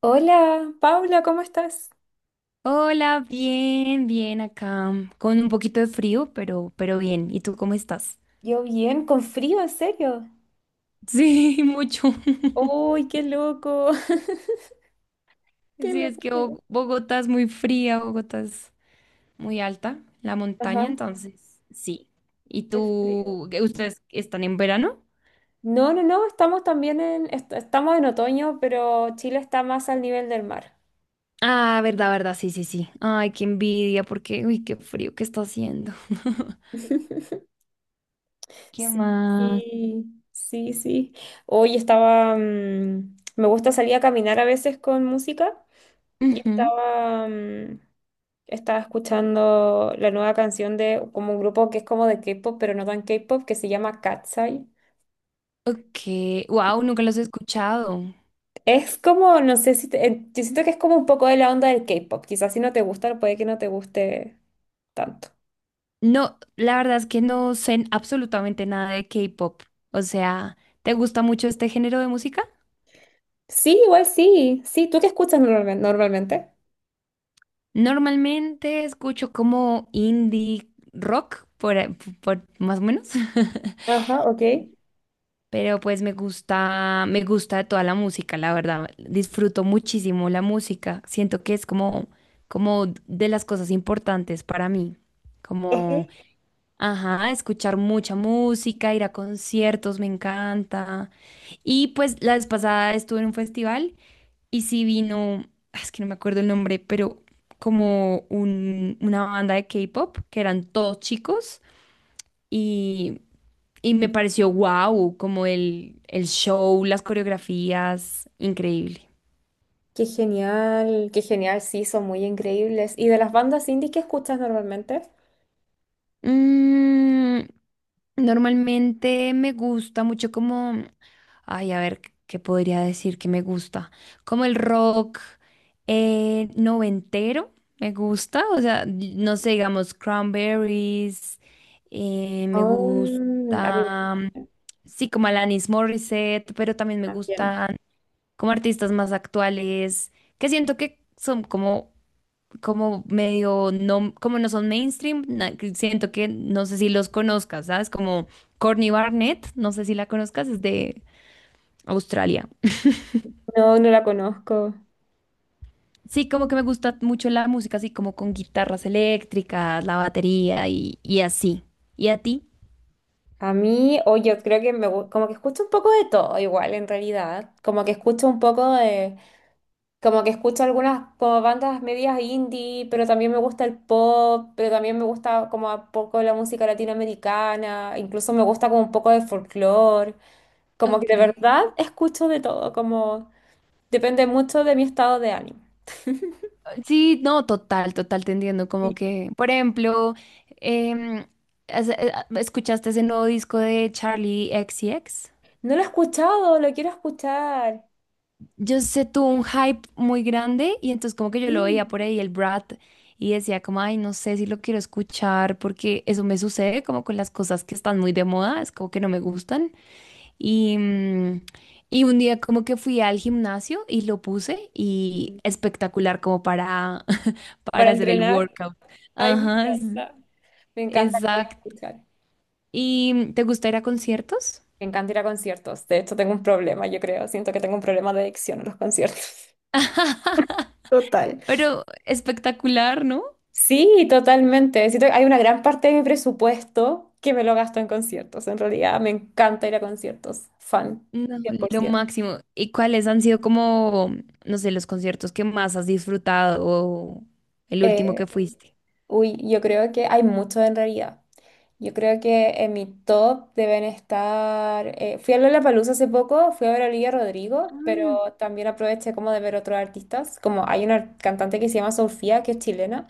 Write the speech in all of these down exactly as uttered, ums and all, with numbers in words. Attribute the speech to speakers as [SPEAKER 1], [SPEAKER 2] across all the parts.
[SPEAKER 1] Hola, Paula, ¿cómo estás?
[SPEAKER 2] Hola, bien, bien acá, mm, con un poquito de frío, pero, pero bien. ¿Y tú cómo estás?
[SPEAKER 1] Yo bien, con frío, en serio.
[SPEAKER 2] Sí, mucho.
[SPEAKER 1] ¡Uy, qué loco! ¡Qué
[SPEAKER 2] Sí, es
[SPEAKER 1] loco!
[SPEAKER 2] que
[SPEAKER 1] Qué
[SPEAKER 2] Bo- Bogotá es muy fría, Bogotá es muy alta, la montaña,
[SPEAKER 1] ajá,
[SPEAKER 2] entonces, sí. ¿Y
[SPEAKER 1] es frío.
[SPEAKER 2] tú, qué- ustedes están en verano?
[SPEAKER 1] No, no, no, estamos también en, est- estamos en otoño, pero Chile está más al nivel del mar.
[SPEAKER 2] Ah, verdad, verdad, sí, sí, sí. Ay, qué envidia, porque, uy, qué frío que está haciendo. ¿Qué más?
[SPEAKER 1] Sí, sí, sí. Hoy estaba, mm, me gusta salir a caminar a veces con música y
[SPEAKER 2] Ujú.
[SPEAKER 1] estaba, mm, estaba escuchando la nueva canción de como un grupo que es como de K-pop, pero no tan K-pop, que se llama Katseye.
[SPEAKER 2] Ok, wow, nunca los he escuchado.
[SPEAKER 1] Es como, no sé si te- eh, yo siento que es como un poco de la onda del K-pop. Quizás si no te gusta, puede que no te guste tanto.
[SPEAKER 2] No, la verdad es que no sé absolutamente nada de K-pop. O sea, ¿te gusta mucho este género de música?
[SPEAKER 1] Sí, igual sí. Sí, ¿tú qué escuchas normalmen- normalmente?
[SPEAKER 2] Normalmente escucho como indie rock, por, a- por más o menos.
[SPEAKER 1] Ajá, ok.
[SPEAKER 2] Pero pues me gusta, me gusta toda la música, la verdad. Disfruto muchísimo la música. Siento que es como, como de las cosas importantes para mí. Ajá, escuchar mucha música, ir a conciertos, me encanta. Y pues la vez pasada estuve en un festival y sí vino, ah, es que no me acuerdo el nombre, pero como un- una banda de K-pop, que eran todos chicos y, y me pareció wow, como el, el show, las coreografías, increíble.
[SPEAKER 1] Qué genial, qué genial, sí, son muy increíbles. ¿Y de las bandas indie qué escuchas normalmente?
[SPEAKER 2] Mm, normalmente me gusta mucho como, ay, a ver, ¿qué podría decir que me gusta? Como el rock eh, noventero, me gusta, o sea, no sé, digamos, Cranberries, eh, me
[SPEAKER 1] Oh, a mí
[SPEAKER 2] gusta, mm, sí, como Alanis Morissette, pero también me
[SPEAKER 1] también.
[SPEAKER 2] gustan como artistas más actuales, que siento que son como como medio, no, como no son mainstream, na- que siento que no sé si los conozcas, ¿sabes? Como Courtney Barnett, no sé si la conozcas, es de Australia.
[SPEAKER 1] No, no la conozco.
[SPEAKER 2] Sí, como que me gusta mucho la música, así como con guitarras eléctricas, la batería y, y así. ¿Y a ti?
[SPEAKER 1] A mí, o yo creo que me gu- como que escucho un poco de todo igual en realidad, como que escucho un poco de, como que escucho algunas como bandas medias indie, pero también me gusta el pop, pero también me gusta como a poco la música latinoamericana, incluso me gusta como un poco de folclore, como que de
[SPEAKER 2] Okay.
[SPEAKER 1] verdad escucho de todo, como depende mucho de mi estado de ánimo.
[SPEAKER 2] Sí, no, total, total, te entiendo. Como
[SPEAKER 1] Sí.
[SPEAKER 2] que, por ejemplo, em, has- eh, ¿escuchaste ese nuevo disco de Charlie X C X?
[SPEAKER 1] No lo he escuchado, lo quiero escuchar.
[SPEAKER 2] Yo sé, tuvo un hype muy grande y entonces como que yo lo
[SPEAKER 1] Sí.
[SPEAKER 2] veía por ahí el Brat y decía como, ay, no sé si lo quiero escuchar porque eso me sucede como con las cosas que están muy de moda, es como que no me gustan. Y, mm, y un día como que fui al gimnasio y lo puse y
[SPEAKER 1] Ujú.
[SPEAKER 2] espectacular como para,
[SPEAKER 1] Para
[SPEAKER 2] para hacer el
[SPEAKER 1] entrenar,
[SPEAKER 2] workout.
[SPEAKER 1] ay, me
[SPEAKER 2] Ajá, es-
[SPEAKER 1] encanta. Me encanta, lo voy a
[SPEAKER 2] exacto.
[SPEAKER 1] escuchar.
[SPEAKER 2] ¿Y mm, te gusta ir a conciertos?
[SPEAKER 1] Me encanta ir a conciertos. De hecho, tengo un problema, yo creo. Siento que tengo un problema de adicción a los conciertos. Total.
[SPEAKER 2] Pero espectacular, ¿no?
[SPEAKER 1] Sí, totalmente. Siento que hay una gran parte de mi presupuesto que me lo gasto en conciertos. En realidad, me encanta ir a conciertos. Fan,
[SPEAKER 2] No, lo
[SPEAKER 1] cien por ciento.
[SPEAKER 2] máximo. ¿Y cuáles han sido como, no sé, los conciertos que más has disfrutado o el último
[SPEAKER 1] Eh,
[SPEAKER 2] que fuiste?
[SPEAKER 1] uy, yo creo que hay mucho en realidad. Yo creo que en mi top deben estar... eh, fui a Lollapalooza hace poco, fui a ver a Olivia Rodrigo,
[SPEAKER 2] Ah,
[SPEAKER 1] pero también aproveché como de ver otros artistas. Como hay una cantante que se llama Sofía, que es chilena.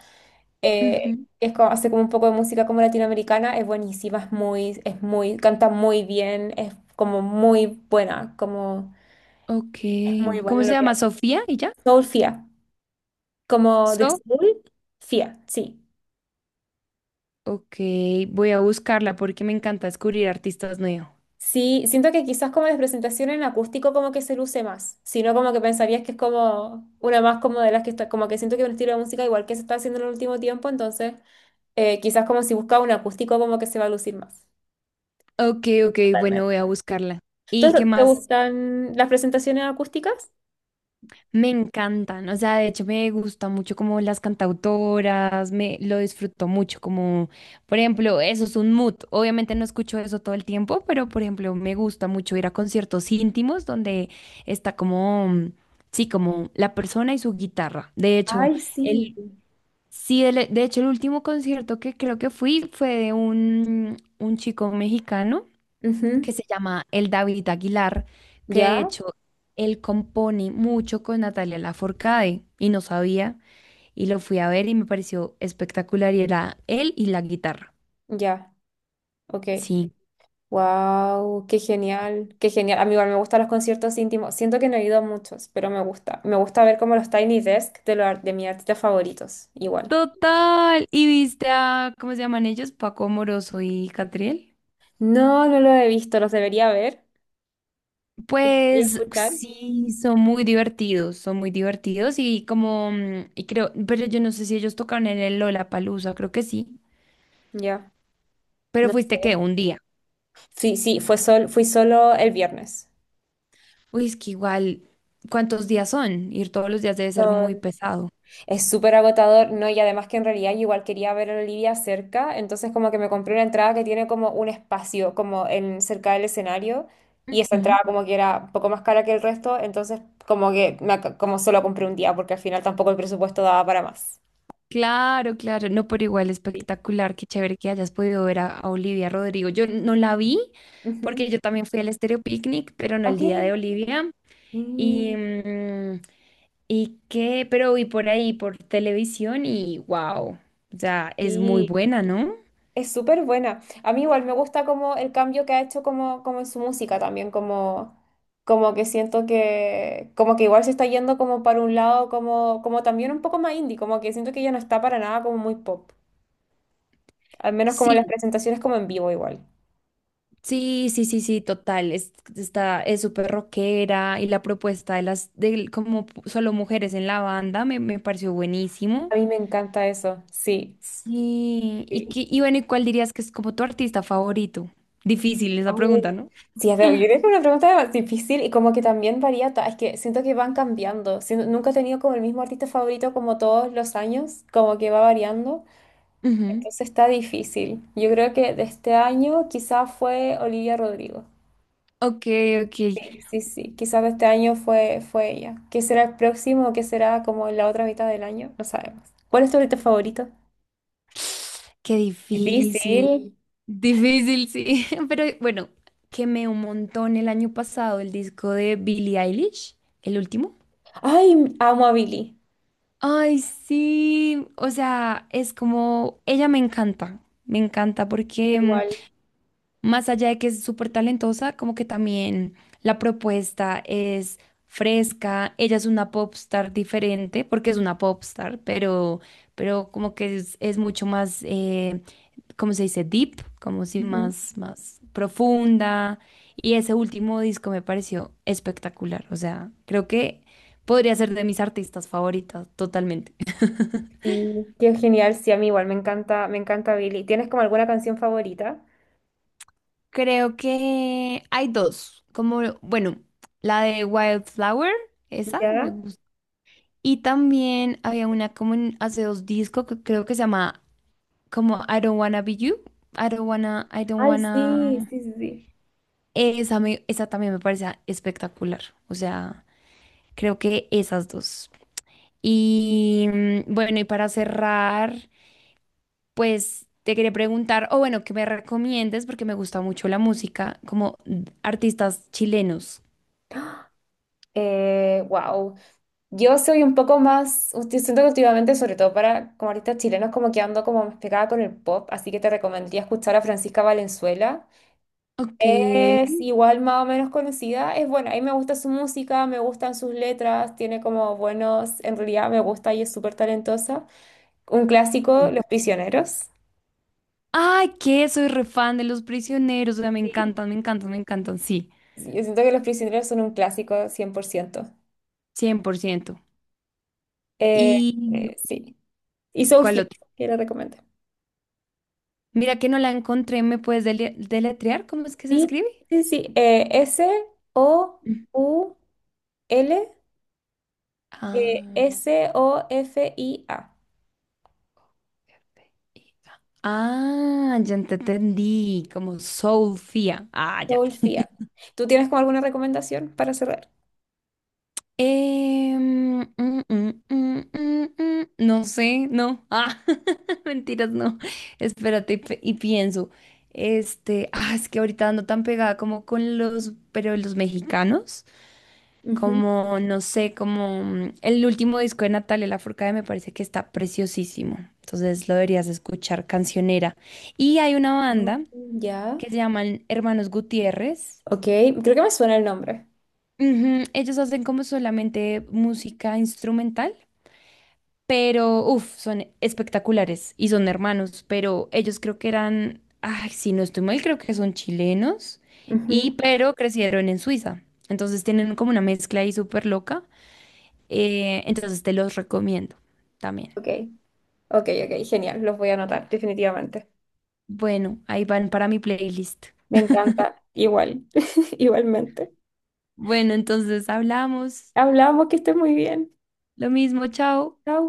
[SPEAKER 1] eh,
[SPEAKER 2] ujú.
[SPEAKER 1] es como, hace como un poco de música como latinoamericana, es buenísima, es muy, es muy, canta muy bien, es como muy buena, como
[SPEAKER 2] Ok.
[SPEAKER 1] es muy
[SPEAKER 2] ¿Cómo
[SPEAKER 1] buena
[SPEAKER 2] se
[SPEAKER 1] lo que
[SPEAKER 2] llama?
[SPEAKER 1] hace.
[SPEAKER 2] ¿Sofía? ¿Y ya?
[SPEAKER 1] Soul Fia, como de
[SPEAKER 2] So.
[SPEAKER 1] Soul Fia, sí.
[SPEAKER 2] Ok, voy a buscarla porque me encanta descubrir artistas nuevos.
[SPEAKER 1] Sí, siento que quizás como de presentación en acústico como que se luce más, sino como que pensarías que es como una más como de las que está, como que siento que es un estilo de música igual que se está haciendo en el último tiempo, entonces eh, quizás como si buscaba un acústico como que se va a lucir más.
[SPEAKER 2] Ok, ok, bueno, voy a
[SPEAKER 1] Totalmente.
[SPEAKER 2] buscarla. ¿Y qué
[SPEAKER 1] Entonces, ¿te
[SPEAKER 2] más?
[SPEAKER 1] gustan las presentaciones acústicas?
[SPEAKER 2] Me encantan, o sea, de hecho me gusta mucho como las cantautoras, me lo disfruto mucho, como por ejemplo, eso es un mood. Obviamente no escucho eso todo el tiempo, pero por ejemplo, me gusta mucho ir a conciertos íntimos donde está como mm, sí, como la persona y su guitarra. De hecho,
[SPEAKER 1] Ay, sí.
[SPEAKER 2] el sí, el- de hecho el último concierto que creo que fui fue de un un chico mexicano
[SPEAKER 1] Ujú,
[SPEAKER 2] que se llama el David Aguilar, que de
[SPEAKER 1] ya,
[SPEAKER 2] hecho él compone mucho con Natalia Lafourcade y no sabía y lo fui a ver y me pareció espectacular y era él y la guitarra.
[SPEAKER 1] ya, ok.
[SPEAKER 2] Sí.
[SPEAKER 1] Wow, qué genial, qué genial. A mí igual me gustan los conciertos íntimos. Siento que no he ido a muchos, pero me gusta. Me gusta ver como los Tiny Desk de, los ar- de mis artistas favoritos, igual.
[SPEAKER 2] Total. ¿Y viste a, cómo se llaman ellos? Paco Moroso y Catriel.
[SPEAKER 1] No, no los he visto, los debería ver. Debería
[SPEAKER 2] Pues
[SPEAKER 1] escuchar.
[SPEAKER 2] sí, son muy divertidos, son muy divertidos y como, mm, y creo, pero yo no sé si ellos tocaron en el Lollapalooza, creo que sí.
[SPEAKER 1] Ya,
[SPEAKER 2] Pero
[SPEAKER 1] no
[SPEAKER 2] fuiste qué
[SPEAKER 1] sé.
[SPEAKER 2] un día.
[SPEAKER 1] Sí, sí, fue sol, fui solo el viernes.
[SPEAKER 2] Uy, es que igual, ¿cuántos días son? Ir todos los días debe ser muy pesado.
[SPEAKER 1] Es súper agotador, ¿no? Y además que en realidad yo igual quería ver a Olivia cerca, entonces como que me compré una entrada que tiene como un espacio como en cerca del escenario y esa
[SPEAKER 2] Ujú.
[SPEAKER 1] entrada como que era un poco más cara que el resto, entonces como que me ac- como solo compré un día porque al final tampoco el presupuesto daba para más.
[SPEAKER 2] Claro, claro, no, pero igual
[SPEAKER 1] Sí.
[SPEAKER 2] espectacular, qué chévere que hayas podido ver a, a Olivia Rodrigo. Yo no la vi
[SPEAKER 1] Ujú.
[SPEAKER 2] porque yo también fui al Estéreo Picnic, pero no el
[SPEAKER 1] Ok.
[SPEAKER 2] día de Olivia. Y,
[SPEAKER 1] Mm,
[SPEAKER 2] mm, y qué, pero vi por ahí, por televisión y wow, o sea, es muy
[SPEAKER 1] sí.
[SPEAKER 2] buena, ¿no?
[SPEAKER 1] Es súper buena. A mí igual me gusta como el cambio que ha hecho como, como en su música también, como, como que siento que, como que igual se está yendo como para un lado, como, como también un poco más indie, como que siento que ya no está para nada como muy pop. Al menos como en las
[SPEAKER 2] Sí,
[SPEAKER 1] presentaciones como en vivo igual.
[SPEAKER 2] sí, sí, sí, sí, total. Es, está, es súper rockera y la propuesta de las, de como pu- solo mujeres en la banda me, me pareció buenísimo.
[SPEAKER 1] A mí me encanta eso, sí.
[SPEAKER 2] Sí, y,
[SPEAKER 1] Sí,
[SPEAKER 2] qué- y bueno, ¿y cuál dirías que es como tu artista favorito? Difícil esa pregunta,
[SPEAKER 1] oh.
[SPEAKER 2] ¿no?
[SPEAKER 1] Sí, es de- yo creo que es una pregunta más difícil y como que también varía, ta- es que siento que van cambiando. Siento nunca he tenido como el mismo artista favorito como todos los años, como que va variando.
[SPEAKER 2] Ujú.
[SPEAKER 1] Entonces está difícil. Yo creo que de este año quizás fue Olivia Rodrigo.
[SPEAKER 2] Ok, ok.
[SPEAKER 1] Sí, sí, sí. Quizás de este año fue, fue ella. ¿Qué será el próximo? ¿Qué será como en la otra mitad del año? No sabemos. ¿Cuál es tu ahorita favorito?
[SPEAKER 2] Qué
[SPEAKER 1] Difícil.
[SPEAKER 2] difícil. Difícil, sí. Pero bueno, quemé un montón el año pasado el disco de Billie Eilish, el último.
[SPEAKER 1] Ay, amo a Billy.
[SPEAKER 2] Ay, sí, o sea, es como, ella me encanta, me encanta porque mm,
[SPEAKER 1] Igual.
[SPEAKER 2] más allá de que es súper talentosa, como que también la propuesta es fresca, ella es una popstar diferente, porque es una popstar, pero, pero como que es, es mucho más, eh, ¿cómo se dice? Deep, como si
[SPEAKER 1] Ujú.
[SPEAKER 2] más, más profunda, y ese último disco me pareció espectacular, o sea, creo que podría ser de mis artistas favoritas, totalmente.
[SPEAKER 1] Sí, qué genial. Sí, a mí igual. Me encanta, me encanta Billy. ¿Tienes como alguna canción favorita?
[SPEAKER 2] Creo que hay dos, como, bueno, la de Wildflower, esa me
[SPEAKER 1] ¿Ya?
[SPEAKER 2] gusta. Y también había una como en- hace dos discos que creo que se llama como I Don't Wanna Be You, I Don't Wanna, I Don't
[SPEAKER 1] Ay, sí,
[SPEAKER 2] Wanna.
[SPEAKER 1] sí, sí, sí.
[SPEAKER 2] Esa, me, esa también me parece espectacular, o sea, creo que esas dos. Y mm, bueno, y para cerrar, pues te quería preguntar, o bueno, que me recomiendes, porque me gusta mucho la música, como mm, artistas chilenos.
[SPEAKER 1] Eh, wow. Yo soy un poco más, yo siento que últimamente, sobre todo para como artistas chilenos, como que ando como más pegada con el pop, así que te recomendaría escuchar a Francisca Valenzuela.
[SPEAKER 2] Ok.
[SPEAKER 1] Es igual más o menos conocida, es buena, a mí me gusta su música, me gustan sus letras, tiene como buenos, en realidad me gusta y es súper talentosa. Un clásico, Los Prisioneros.
[SPEAKER 2] Ay, que soy re fan de los prisioneros. O sea, me
[SPEAKER 1] Sí,
[SPEAKER 2] encantan, me encantan, me encantan. Sí,
[SPEAKER 1] sí, yo siento que Los Prisioneros son un clásico cien por ciento.
[SPEAKER 2] cien por ciento.
[SPEAKER 1] Eh,
[SPEAKER 2] ¿Y
[SPEAKER 1] eh, sí, y
[SPEAKER 2] cuál
[SPEAKER 1] Soulfly,
[SPEAKER 2] otro?
[SPEAKER 1] que le recomiendo.
[SPEAKER 2] Mira que no la encontré. ¿Me puedes dele- deletrear? ¿Cómo es que se
[SPEAKER 1] Sí,
[SPEAKER 2] escribe?
[SPEAKER 1] sí, sí. eh,
[SPEAKER 2] Mm.
[SPEAKER 1] S O U L, eh,
[SPEAKER 2] Ah,
[SPEAKER 1] S O F I A.
[SPEAKER 2] ah, ya te entendí. Como Sofía. Ah, ya.
[SPEAKER 1] Solfia. ¿Tú tienes como alguna recomendación para cerrar?
[SPEAKER 2] Em, mm, mm, mm, mm, mm, no sé, no. Ah, mentiras, no. Espérate y, pe- y pienso. Este, ah, es que ahorita ando tan pegada como con los, pero los mexicanos,
[SPEAKER 1] Ujú.
[SPEAKER 2] como, no sé, como mm, el último disco de Natalia Lafourcade me parece que está preciosísimo. Entonces lo deberías escuchar, cancionera. Y hay una banda
[SPEAKER 1] Mm, ya.
[SPEAKER 2] que se llaman Hermanos Gutiérrez.
[SPEAKER 1] Ok, creo que me suena el nombre.
[SPEAKER 2] Ujú, ellos hacen como solamente música instrumental. Pero uff, son espectaculares y son hermanos, pero ellos creo que eran, ay, si no estoy mal, creo que son chilenos y
[SPEAKER 1] Ujú.
[SPEAKER 2] pero crecieron en Suiza. Entonces tienen como una mezcla ahí súper loca. Eh, entonces te los recomiendo también.
[SPEAKER 1] Ok, ok, ok, genial. Los voy a anotar, definitivamente.
[SPEAKER 2] Bueno, ahí van para mi playlist.
[SPEAKER 1] Me encanta. Igual, igualmente.
[SPEAKER 2] Bueno, entonces hablamos.
[SPEAKER 1] Hablamos, que estés muy bien.
[SPEAKER 2] Lo mismo, chao.
[SPEAKER 1] Chao.